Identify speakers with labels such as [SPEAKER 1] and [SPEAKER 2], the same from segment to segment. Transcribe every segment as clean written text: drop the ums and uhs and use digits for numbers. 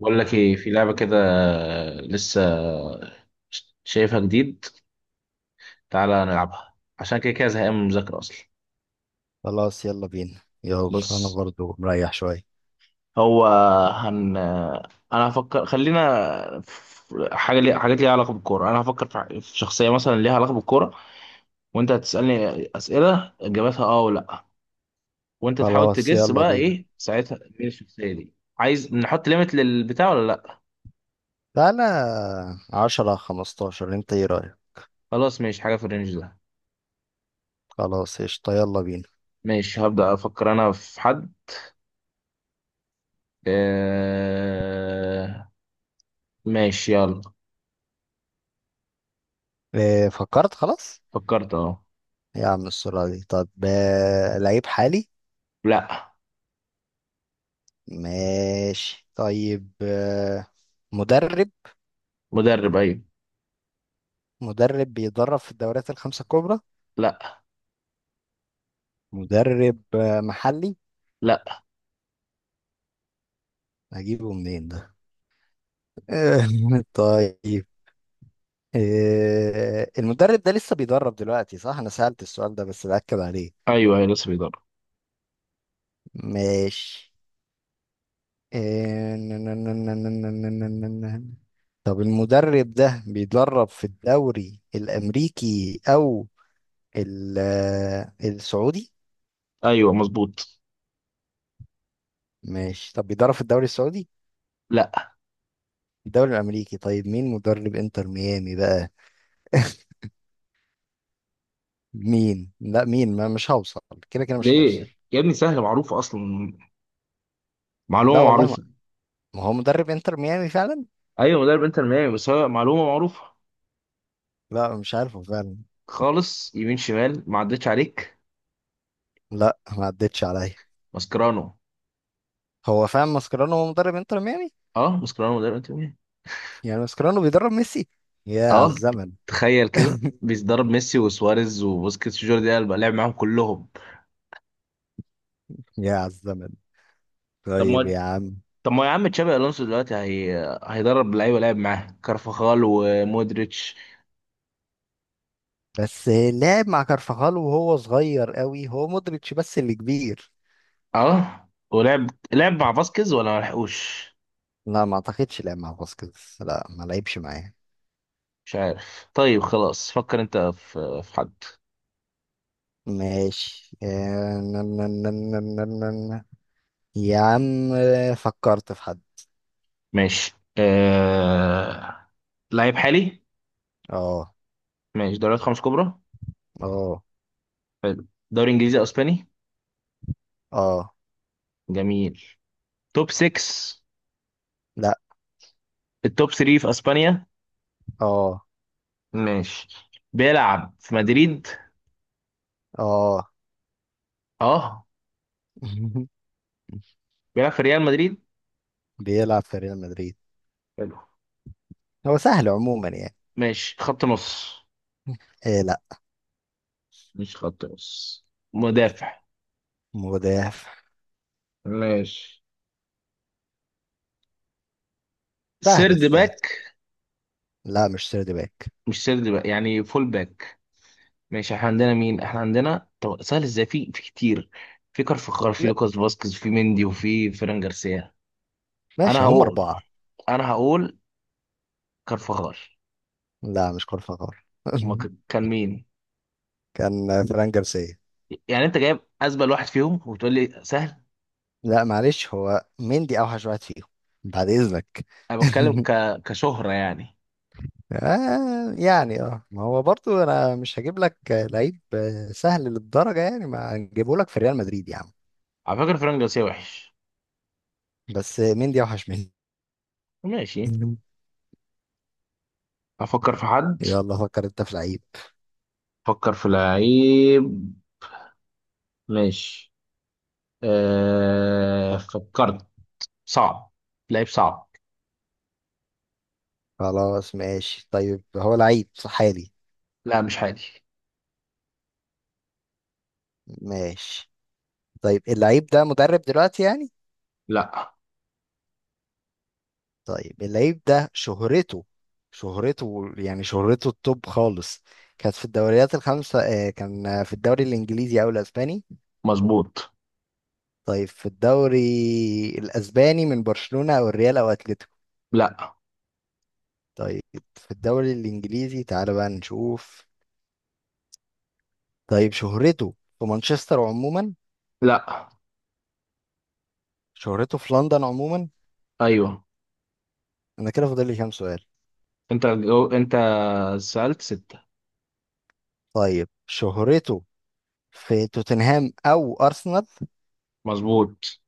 [SPEAKER 1] بقول لك ايه، في لعبة كده لسه شايفها جديد. تعالى نلعبها عشان كده كده زهقان من المذاكرة اصلا.
[SPEAKER 2] خلاص، يلا بينا، يلا، انا
[SPEAKER 1] بص،
[SPEAKER 2] برضو مريح شوية.
[SPEAKER 1] هو هن انا هفكر، خلينا في حاجات ليها علاقة بالكورة. انا هفكر في شخصية مثلا ليها علاقة بالكورة، وانت هتسألني أسئلة اجابتها اه ولا لا، وانت تحاول
[SPEAKER 2] خلاص،
[SPEAKER 1] تجس
[SPEAKER 2] يلا
[SPEAKER 1] بقى
[SPEAKER 2] بينا.
[SPEAKER 1] ايه ساعتها مين الشخصية دي. عايز نحط ليميت للبتاع ولا لا؟
[SPEAKER 2] تعالى، عشرة خمستاشر، انت ايه رأيك؟
[SPEAKER 1] خلاص ماشي، حاجة في الرينج ده.
[SPEAKER 2] خلاص، قشطة، يلا بينا.
[SPEAKER 1] ماشي، هبدأ افكر انا في حد. آه... ماشي يلا.
[SPEAKER 2] إيه، فكرت خلاص؟
[SPEAKER 1] فكرت اهو.
[SPEAKER 2] يا عم، السرعة دي! طب، لعيب حالي.
[SPEAKER 1] لا.
[SPEAKER 2] ماشي، طيب، مدرب.
[SPEAKER 1] مدرب، ايوه.
[SPEAKER 2] مدرب بيدرب في الدوريات الخمسة الكبرى؟
[SPEAKER 1] لا.
[SPEAKER 2] مدرب محلي؟
[SPEAKER 1] لا.
[SPEAKER 2] هجيبه منين ده؟ طيب. إيه، المدرب ده لسه بيدرب دلوقتي صح؟ أنا سألت السؤال ده بس بأكد عليه.
[SPEAKER 1] ايوه، ايوه لسه بيدرب.
[SPEAKER 2] ماشي. إيه، طب المدرب ده بيدرب في الدوري الأمريكي أو السعودي؟
[SPEAKER 1] ايوه مظبوط.
[SPEAKER 2] ماشي. طب بيدرب في الدوري السعودي؟
[SPEAKER 1] لا.
[SPEAKER 2] الدوري الأمريكي. طيب، مين مدرب إنتر ميامي بقى؟ مين؟ لا، مين؟ ما مش هوصل. كده كده مش هوصل.
[SPEAKER 1] ليه يا ابني؟ سهله معروفه اصلا،
[SPEAKER 2] لا
[SPEAKER 1] معلومه
[SPEAKER 2] والله، ما.
[SPEAKER 1] معروفه.
[SPEAKER 2] ما هو مدرب إنتر ميامي فعلا؟
[SPEAKER 1] ايوه مدرب انتر ميامي، بس هو معلومه معروفه.
[SPEAKER 2] لا، مش عارفه فعلا.
[SPEAKER 1] خالص يمين شمال، ما عدتش عليك.
[SPEAKER 2] لا، ما عدتش عليا.
[SPEAKER 1] ماسكرانو.
[SPEAKER 2] هو فاهم، ماسكرانو هو مدرب انتر ميامي.
[SPEAKER 1] اه، ماسكرانو مدرب انتر ميامي.
[SPEAKER 2] يعني ماسكرانو بيدرب ميسي. يا على
[SPEAKER 1] اه.
[SPEAKER 2] الزمن!
[SPEAKER 1] تخيل كده، بيدرب ميسي وسواريز وبوسكيتس وجوردي ألبا، لعب معاهم كلهم.
[SPEAKER 2] يا على الزمن!
[SPEAKER 1] طب
[SPEAKER 2] طيب،
[SPEAKER 1] ما
[SPEAKER 2] يا عم.
[SPEAKER 1] طب ما يا عم، تشابي الونسو دلوقتي هيدرب لعيبه لعب معاه كارفاخال ومودريتش.
[SPEAKER 2] بس لعب مع كارفاخال وهو صغير قوي. هو مودريتش بس اللي كبير.
[SPEAKER 1] اه، لعب مع فاسكيز ولا ما لحقوش؟
[SPEAKER 2] لا، ما اعتقدش لعب مع فاسكيز. لا، ما لعبش معاه.
[SPEAKER 1] مش عارف. طيب خلاص، فكر انت في حد.
[SPEAKER 2] ماشي. آه، نا- نا- نا- نا- نا- نا- نا. يا عم، فكرت في حد.
[SPEAKER 1] ماشي. آه... لعيب حالي.
[SPEAKER 2] اه،
[SPEAKER 1] ماشي، دوريات 5 كبرى.
[SPEAKER 2] اه،
[SPEAKER 1] حلو. دوري انجليزي اسباني.
[SPEAKER 2] اه.
[SPEAKER 1] جميل. توب 6.
[SPEAKER 2] لا.
[SPEAKER 1] التوب 3 في اسبانيا.
[SPEAKER 2] اه،
[SPEAKER 1] ماشي. بيلعب في مدريد.
[SPEAKER 2] اه.
[SPEAKER 1] اه. بيلعب في ريال مدريد.
[SPEAKER 2] بيلعب في ريال مدريد.
[SPEAKER 1] حلو.
[SPEAKER 2] هو سهل عموما يعني.
[SPEAKER 1] ماشي، خط نص.
[SPEAKER 2] إيه، لا.
[SPEAKER 1] مش خط نص، مدافع.
[SPEAKER 2] مدافع.
[SPEAKER 1] ماشي.
[SPEAKER 2] سهلة
[SPEAKER 1] سيرد
[SPEAKER 2] سهلة.
[SPEAKER 1] باك.
[SPEAKER 2] لا، مش سيرد باك.
[SPEAKER 1] مش سيرد باك، يعني فول باك. ماشي، احنا عندنا مين؟ احنا عندنا طب سهل ازاي؟ في كتير. في كارفخال، في
[SPEAKER 2] لا.
[SPEAKER 1] لوكاس فاسكيز، في مندي، وفي فيران جارسيا. انا
[SPEAKER 2] ماشي، هم
[SPEAKER 1] هقول
[SPEAKER 2] أربعة.
[SPEAKER 1] انا هقول كارفخال.
[SPEAKER 2] لا، مش كارفاخال.
[SPEAKER 1] هما كان مين؟
[SPEAKER 2] كان فران جارسيا.
[SPEAKER 1] يعني انت جايب ازبل واحد فيهم وبتقول لي سهل؟
[SPEAKER 2] لا، معلش، هو مندي أوحش واحد فيهم. بعد إذنك.
[SPEAKER 1] انا بتكلم كشهرة يعني.
[SPEAKER 2] آه، يعني ما هو برضو أنا مش هجيب لك لعيب. سهل للدرجة يعني ما هنجيبه لك في ريال مدريد يا عم.
[SPEAKER 1] على فكرة فيران جارسيا وحش.
[SPEAKER 2] بس مندي أوحش منه.
[SPEAKER 1] ماشي. افكر في حد.
[SPEAKER 2] يلا، فكر أنت في لعيب.
[SPEAKER 1] افكر في لعيب. ماشي.
[SPEAKER 2] فكر.
[SPEAKER 1] فكرت. صعب، لعيب صعب.
[SPEAKER 2] خلاص. ماشي، طيب، هو لعيب صح حالي؟
[SPEAKER 1] لا مش حالي.
[SPEAKER 2] ماشي. طيب، اللعيب ده مدرب دلوقتي يعني؟
[SPEAKER 1] لا.
[SPEAKER 2] طيب، اللعيب ده شهرته، شهرته يعني شهرته التوب خالص، كانت في الدوريات الخمسة، كان في الدوري الإنجليزي أو الأسباني؟
[SPEAKER 1] مظبوط.
[SPEAKER 2] طيب، في الدوري الأسباني، من برشلونة أو الريال أو أتلتيكو؟
[SPEAKER 1] لا.
[SPEAKER 2] طيب، في الدوري الإنجليزي تعالى بقى نشوف. طيب، شهرته في مانشستر عموما؟
[SPEAKER 1] لا.
[SPEAKER 2] شهرته في لندن عموما؟
[SPEAKER 1] ايوه.
[SPEAKER 2] أنا كده فاضل لي كام سؤال؟
[SPEAKER 1] انت انت سألت 6.
[SPEAKER 2] طيب، شهرته في توتنهام أو أرسنال؟
[SPEAKER 1] مظبوط.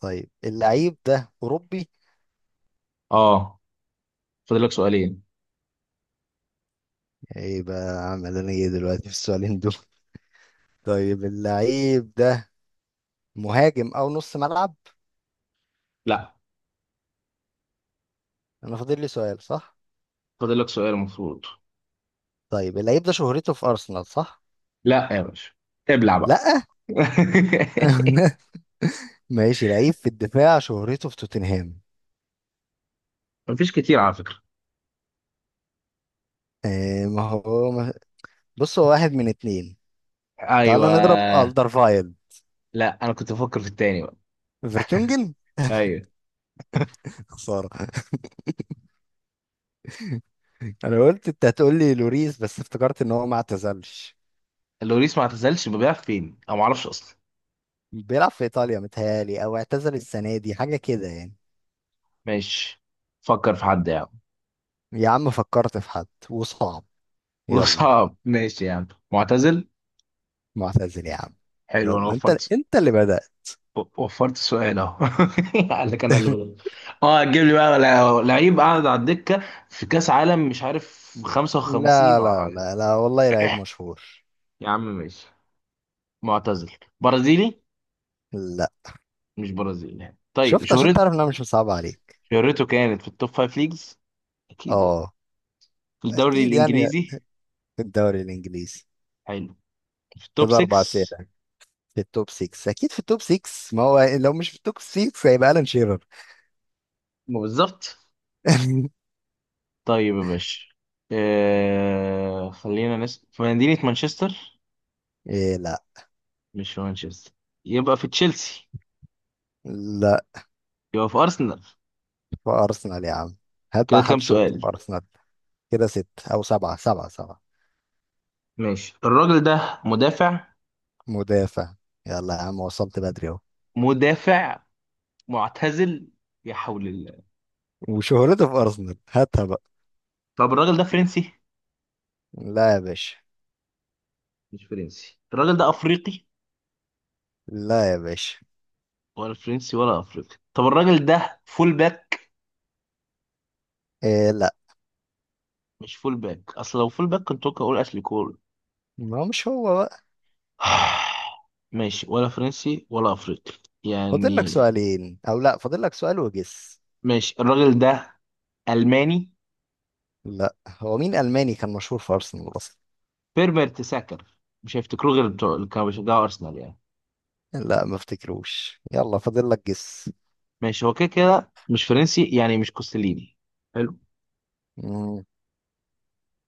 [SPEAKER 2] طيب، اللعيب ده أوروبي؟
[SPEAKER 1] اه، فاضل لك سؤالين.
[SPEAKER 2] ايه بقى عامل انا ايه دلوقتي في السؤالين دول؟ طيب، اللعيب ده مهاجم او نص ملعب؟
[SPEAKER 1] لا
[SPEAKER 2] انا فاضل لي سؤال صح؟
[SPEAKER 1] فاضل لك سؤال المفروض.
[SPEAKER 2] طيب، اللعيب ده شهرته في ارسنال، صح؟
[SPEAKER 1] لا يا باشا، ابلع بقى.
[SPEAKER 2] لا. ماشي، لعيب في الدفاع شهرته في توتنهام؟
[SPEAKER 1] مفيش كتير على فكرة.
[SPEAKER 2] إيه، ما هو ما... بص، هو واحد من اتنين. تعالى نضرب
[SPEAKER 1] ايوه.
[SPEAKER 2] الدرفايل.
[SPEAKER 1] لا انا كنت بفكر في التاني بقى.
[SPEAKER 2] فيرتونجن.
[SPEAKER 1] ايوه.
[SPEAKER 2] خسارة. انا قلت انت هتقول لي لوريس بس افتكرت ان هو ما اعتزلش.
[SPEAKER 1] اللوريس ما اعتزلش، بيبيع فين انا ما اعرفش اصلا.
[SPEAKER 2] بيلعب في ايطاليا متهيالي، او اعتزل السنة دي، حاجة كده يعني.
[SPEAKER 1] ماشي، فكر في حد يعني.
[SPEAKER 2] يا عم، فكرت في حد وصعب؟ يلا.
[SPEAKER 1] وصعب، ماشي يا عم، معتزل.
[SPEAKER 2] معتزل يا عم.
[SPEAKER 1] حلو، انا
[SPEAKER 2] يلا، انت
[SPEAKER 1] وفرت.
[SPEAKER 2] انت اللي بدأت.
[SPEAKER 1] وفرت سؤال اهو. قال لك انا اللي بدل. اه هتجيب لي بقى لعيب قاعد على الدكه في كاس عالم مش عارف 55؟
[SPEAKER 2] لا، لا، لا، لا، والله لعيب مشهور.
[SPEAKER 1] يا عم ماشي. معتزل. برازيلي.
[SPEAKER 2] لا.
[SPEAKER 1] مش برازيلي يعني، طيب
[SPEAKER 2] شفت، عشان
[SPEAKER 1] شهرت،
[SPEAKER 2] تعرف ان انا مش مصعب عليك.
[SPEAKER 1] شهرته كانت في التوب 5 ليجز اكيد يعني.
[SPEAKER 2] اه،
[SPEAKER 1] في الدوري
[SPEAKER 2] اكيد يعني.
[SPEAKER 1] الانجليزي.
[SPEAKER 2] في الدوري الانجليزي.
[SPEAKER 1] حلو، في التوب
[SPEAKER 2] كده اربع اسئله.
[SPEAKER 1] 6.
[SPEAKER 2] في التوب 6، اكيد في التوب 6، ما هو لو مش في التوب 6 هيبقى الان شيرر.
[SPEAKER 1] ما بالظبط. طيب يا باشا، خلينا نسأل في مدينة مانشستر.
[SPEAKER 2] إيه، لا.
[SPEAKER 1] مش في مانشستر، يبقى في تشيلسي.
[SPEAKER 2] لا،
[SPEAKER 1] يبقى في أرسنال.
[SPEAKER 2] في ارسنال يا عم. هات
[SPEAKER 1] كده
[SPEAKER 2] بقى
[SPEAKER 1] كام
[SPEAKER 2] حد شوط
[SPEAKER 1] سؤال؟
[SPEAKER 2] في ارسنال. كده ست، او سبعه، سبعه، سبعه.
[SPEAKER 1] ماشي، الراجل ده مدافع.
[SPEAKER 2] مدافع. يلا يا عم، وصلت بدري اهو.
[SPEAKER 1] مدافع. معتزل. يا حول الله.
[SPEAKER 2] وشهرته في ارسنال، هاتها بقى.
[SPEAKER 1] طب الراجل ده فرنسي؟
[SPEAKER 2] لا يا باشا.
[SPEAKER 1] مش فرنسي، الراجل ده أفريقي؟
[SPEAKER 2] لا يا باشا.
[SPEAKER 1] ولا فرنسي ولا أفريقي، طب الراجل ده فول باك؟
[SPEAKER 2] إيه، لا.
[SPEAKER 1] مش فول باك، أصل لو فول باك كنت ممكن أقول أشلي كول.
[SPEAKER 2] ما هو مش هو بقى.
[SPEAKER 1] ماشي، ولا فرنسي ولا أفريقي
[SPEAKER 2] فاضل لك
[SPEAKER 1] يعني.
[SPEAKER 2] سؤالين، او لا فاضل لك سؤال وجس.
[SPEAKER 1] ماشي الراجل ده ألماني؟
[SPEAKER 2] لا، هو مين الماني كان مشهور في ارسنال اصلا؟
[SPEAKER 1] بيرمر تساكر، مش هيفتكروه غير بتوع اللي كانوا بيشجعوا أرسنال يعني.
[SPEAKER 2] لا، ما افتكروش. يلا، فاضل لك جس.
[SPEAKER 1] ماشي، هو كده كده مش فرنسي يعني، مش كوستليني، حلو،
[SPEAKER 2] مم.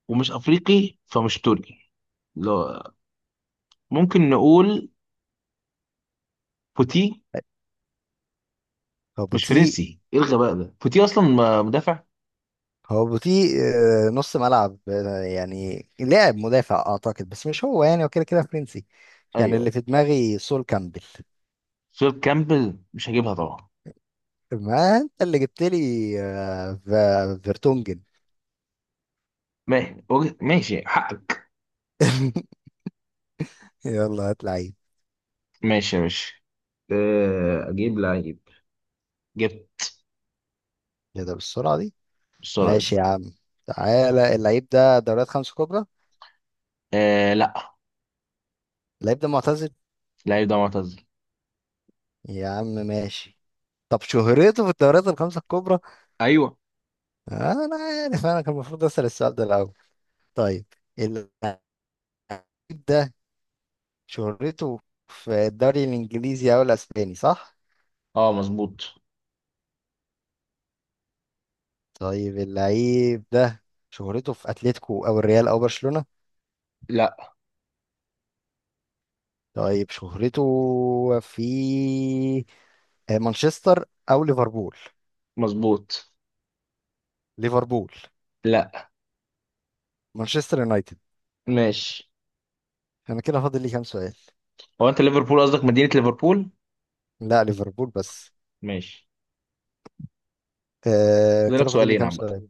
[SPEAKER 1] ومش افريقي فمش تركي. لا. ممكن نقول بوتي.
[SPEAKER 2] هو
[SPEAKER 1] مش
[SPEAKER 2] بوتي؟
[SPEAKER 1] فرنسي، ايه الغباء ده؟ بوتي اصلا مدافع.
[SPEAKER 2] هو بوتي. نص ملعب، يعني لاعب مدافع اعتقد، بس مش هو يعني، هو كده كده فرنسي. يعني
[SPEAKER 1] ايوه ايوه.
[SPEAKER 2] اللي في دماغي سول كامبل.
[SPEAKER 1] فيل كامبل مش هجيبها طبعا.
[SPEAKER 2] ما انت اللي جبت لي. فيرتونجن.
[SPEAKER 1] ماشي حقك.
[SPEAKER 2] يلا، هات لعيب.
[SPEAKER 1] ماشي يا باشا، اجيب لعيب. جبت.
[SPEAKER 2] ايه ده بالسرعة دي؟
[SPEAKER 1] بالسرعه دي.
[SPEAKER 2] ماشي يا عم. تعالى، اللعيب ده دوريات خمسة كبرى؟
[SPEAKER 1] آه لا.
[SPEAKER 2] اللعيب ده معتزل؟
[SPEAKER 1] اللعيب ده معتزل.
[SPEAKER 2] يا عم، ماشي. طب شهرته في الدوريات الخمسة الكبرى؟
[SPEAKER 1] ايوه.
[SPEAKER 2] انا عارف، انا كان المفروض اسأل السؤال ده الاول. طيب، اللعيب ده شهرته في الدوري الانجليزي او الاسباني، صح؟
[SPEAKER 1] اه مظبوط.
[SPEAKER 2] طيب، اللعيب ده شهرته في اتلتيكو او الريال او برشلونة؟
[SPEAKER 1] لا.
[SPEAKER 2] طيب، شهرته في مانشستر او ليفربول؟
[SPEAKER 1] مظبوط.
[SPEAKER 2] ليفربول؟
[SPEAKER 1] لا.
[SPEAKER 2] مانشستر يونايتد؟
[SPEAKER 1] ماشي،
[SPEAKER 2] انا كده فاضل لي كام سؤال؟
[SPEAKER 1] هو انت ليفربول قصدك مدينة ليفربول؟
[SPEAKER 2] لا، ليفربول بس.
[SPEAKER 1] ماشي.
[SPEAKER 2] آه،
[SPEAKER 1] فاضلك
[SPEAKER 2] كده فاضل لي
[SPEAKER 1] سؤالين
[SPEAKER 2] كام
[SPEAKER 1] عامة.
[SPEAKER 2] سؤال؟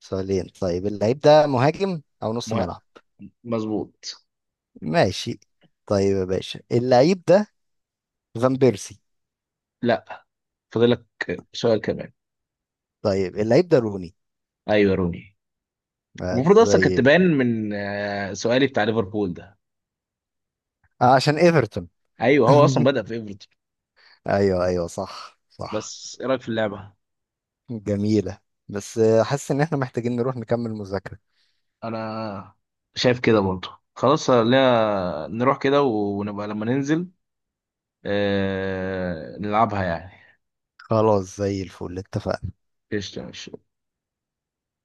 [SPEAKER 2] سؤالين. طيب، اللعيب ده مهاجم او نص
[SPEAKER 1] مه-
[SPEAKER 2] ملعب؟
[SPEAKER 1] مظبوط.
[SPEAKER 2] ماشي. طيب يا باشا، اللعيب ده فان بيرسي؟
[SPEAKER 1] لا، فاضلك سؤال كمان.
[SPEAKER 2] طيب، اللعيب ده روني؟
[SPEAKER 1] ايوه روني.
[SPEAKER 2] آه،
[SPEAKER 1] المفروض اصلا
[SPEAKER 2] زي
[SPEAKER 1] كانت
[SPEAKER 2] ال-
[SPEAKER 1] تبان من سؤالي بتاع ليفربول ده.
[SPEAKER 2] آه، عشان ايفرتون.
[SPEAKER 1] ايوه هو اصلا بدأ في ايفرتون.
[SPEAKER 2] ايوه، ايوه، صح، صح.
[SPEAKER 1] بس ايه رايك في اللعبة؟
[SPEAKER 2] جميلة. بس حاسس ان احنا محتاجين نروح نكمل مذاكرة.
[SPEAKER 1] انا شايف كده برضه، خلاص لا نروح كده ونبقى لما ننزل نلعبها يعني.
[SPEAKER 2] خلاص، زي الفل، اتفقنا.
[SPEAKER 1] قشطة ماشي.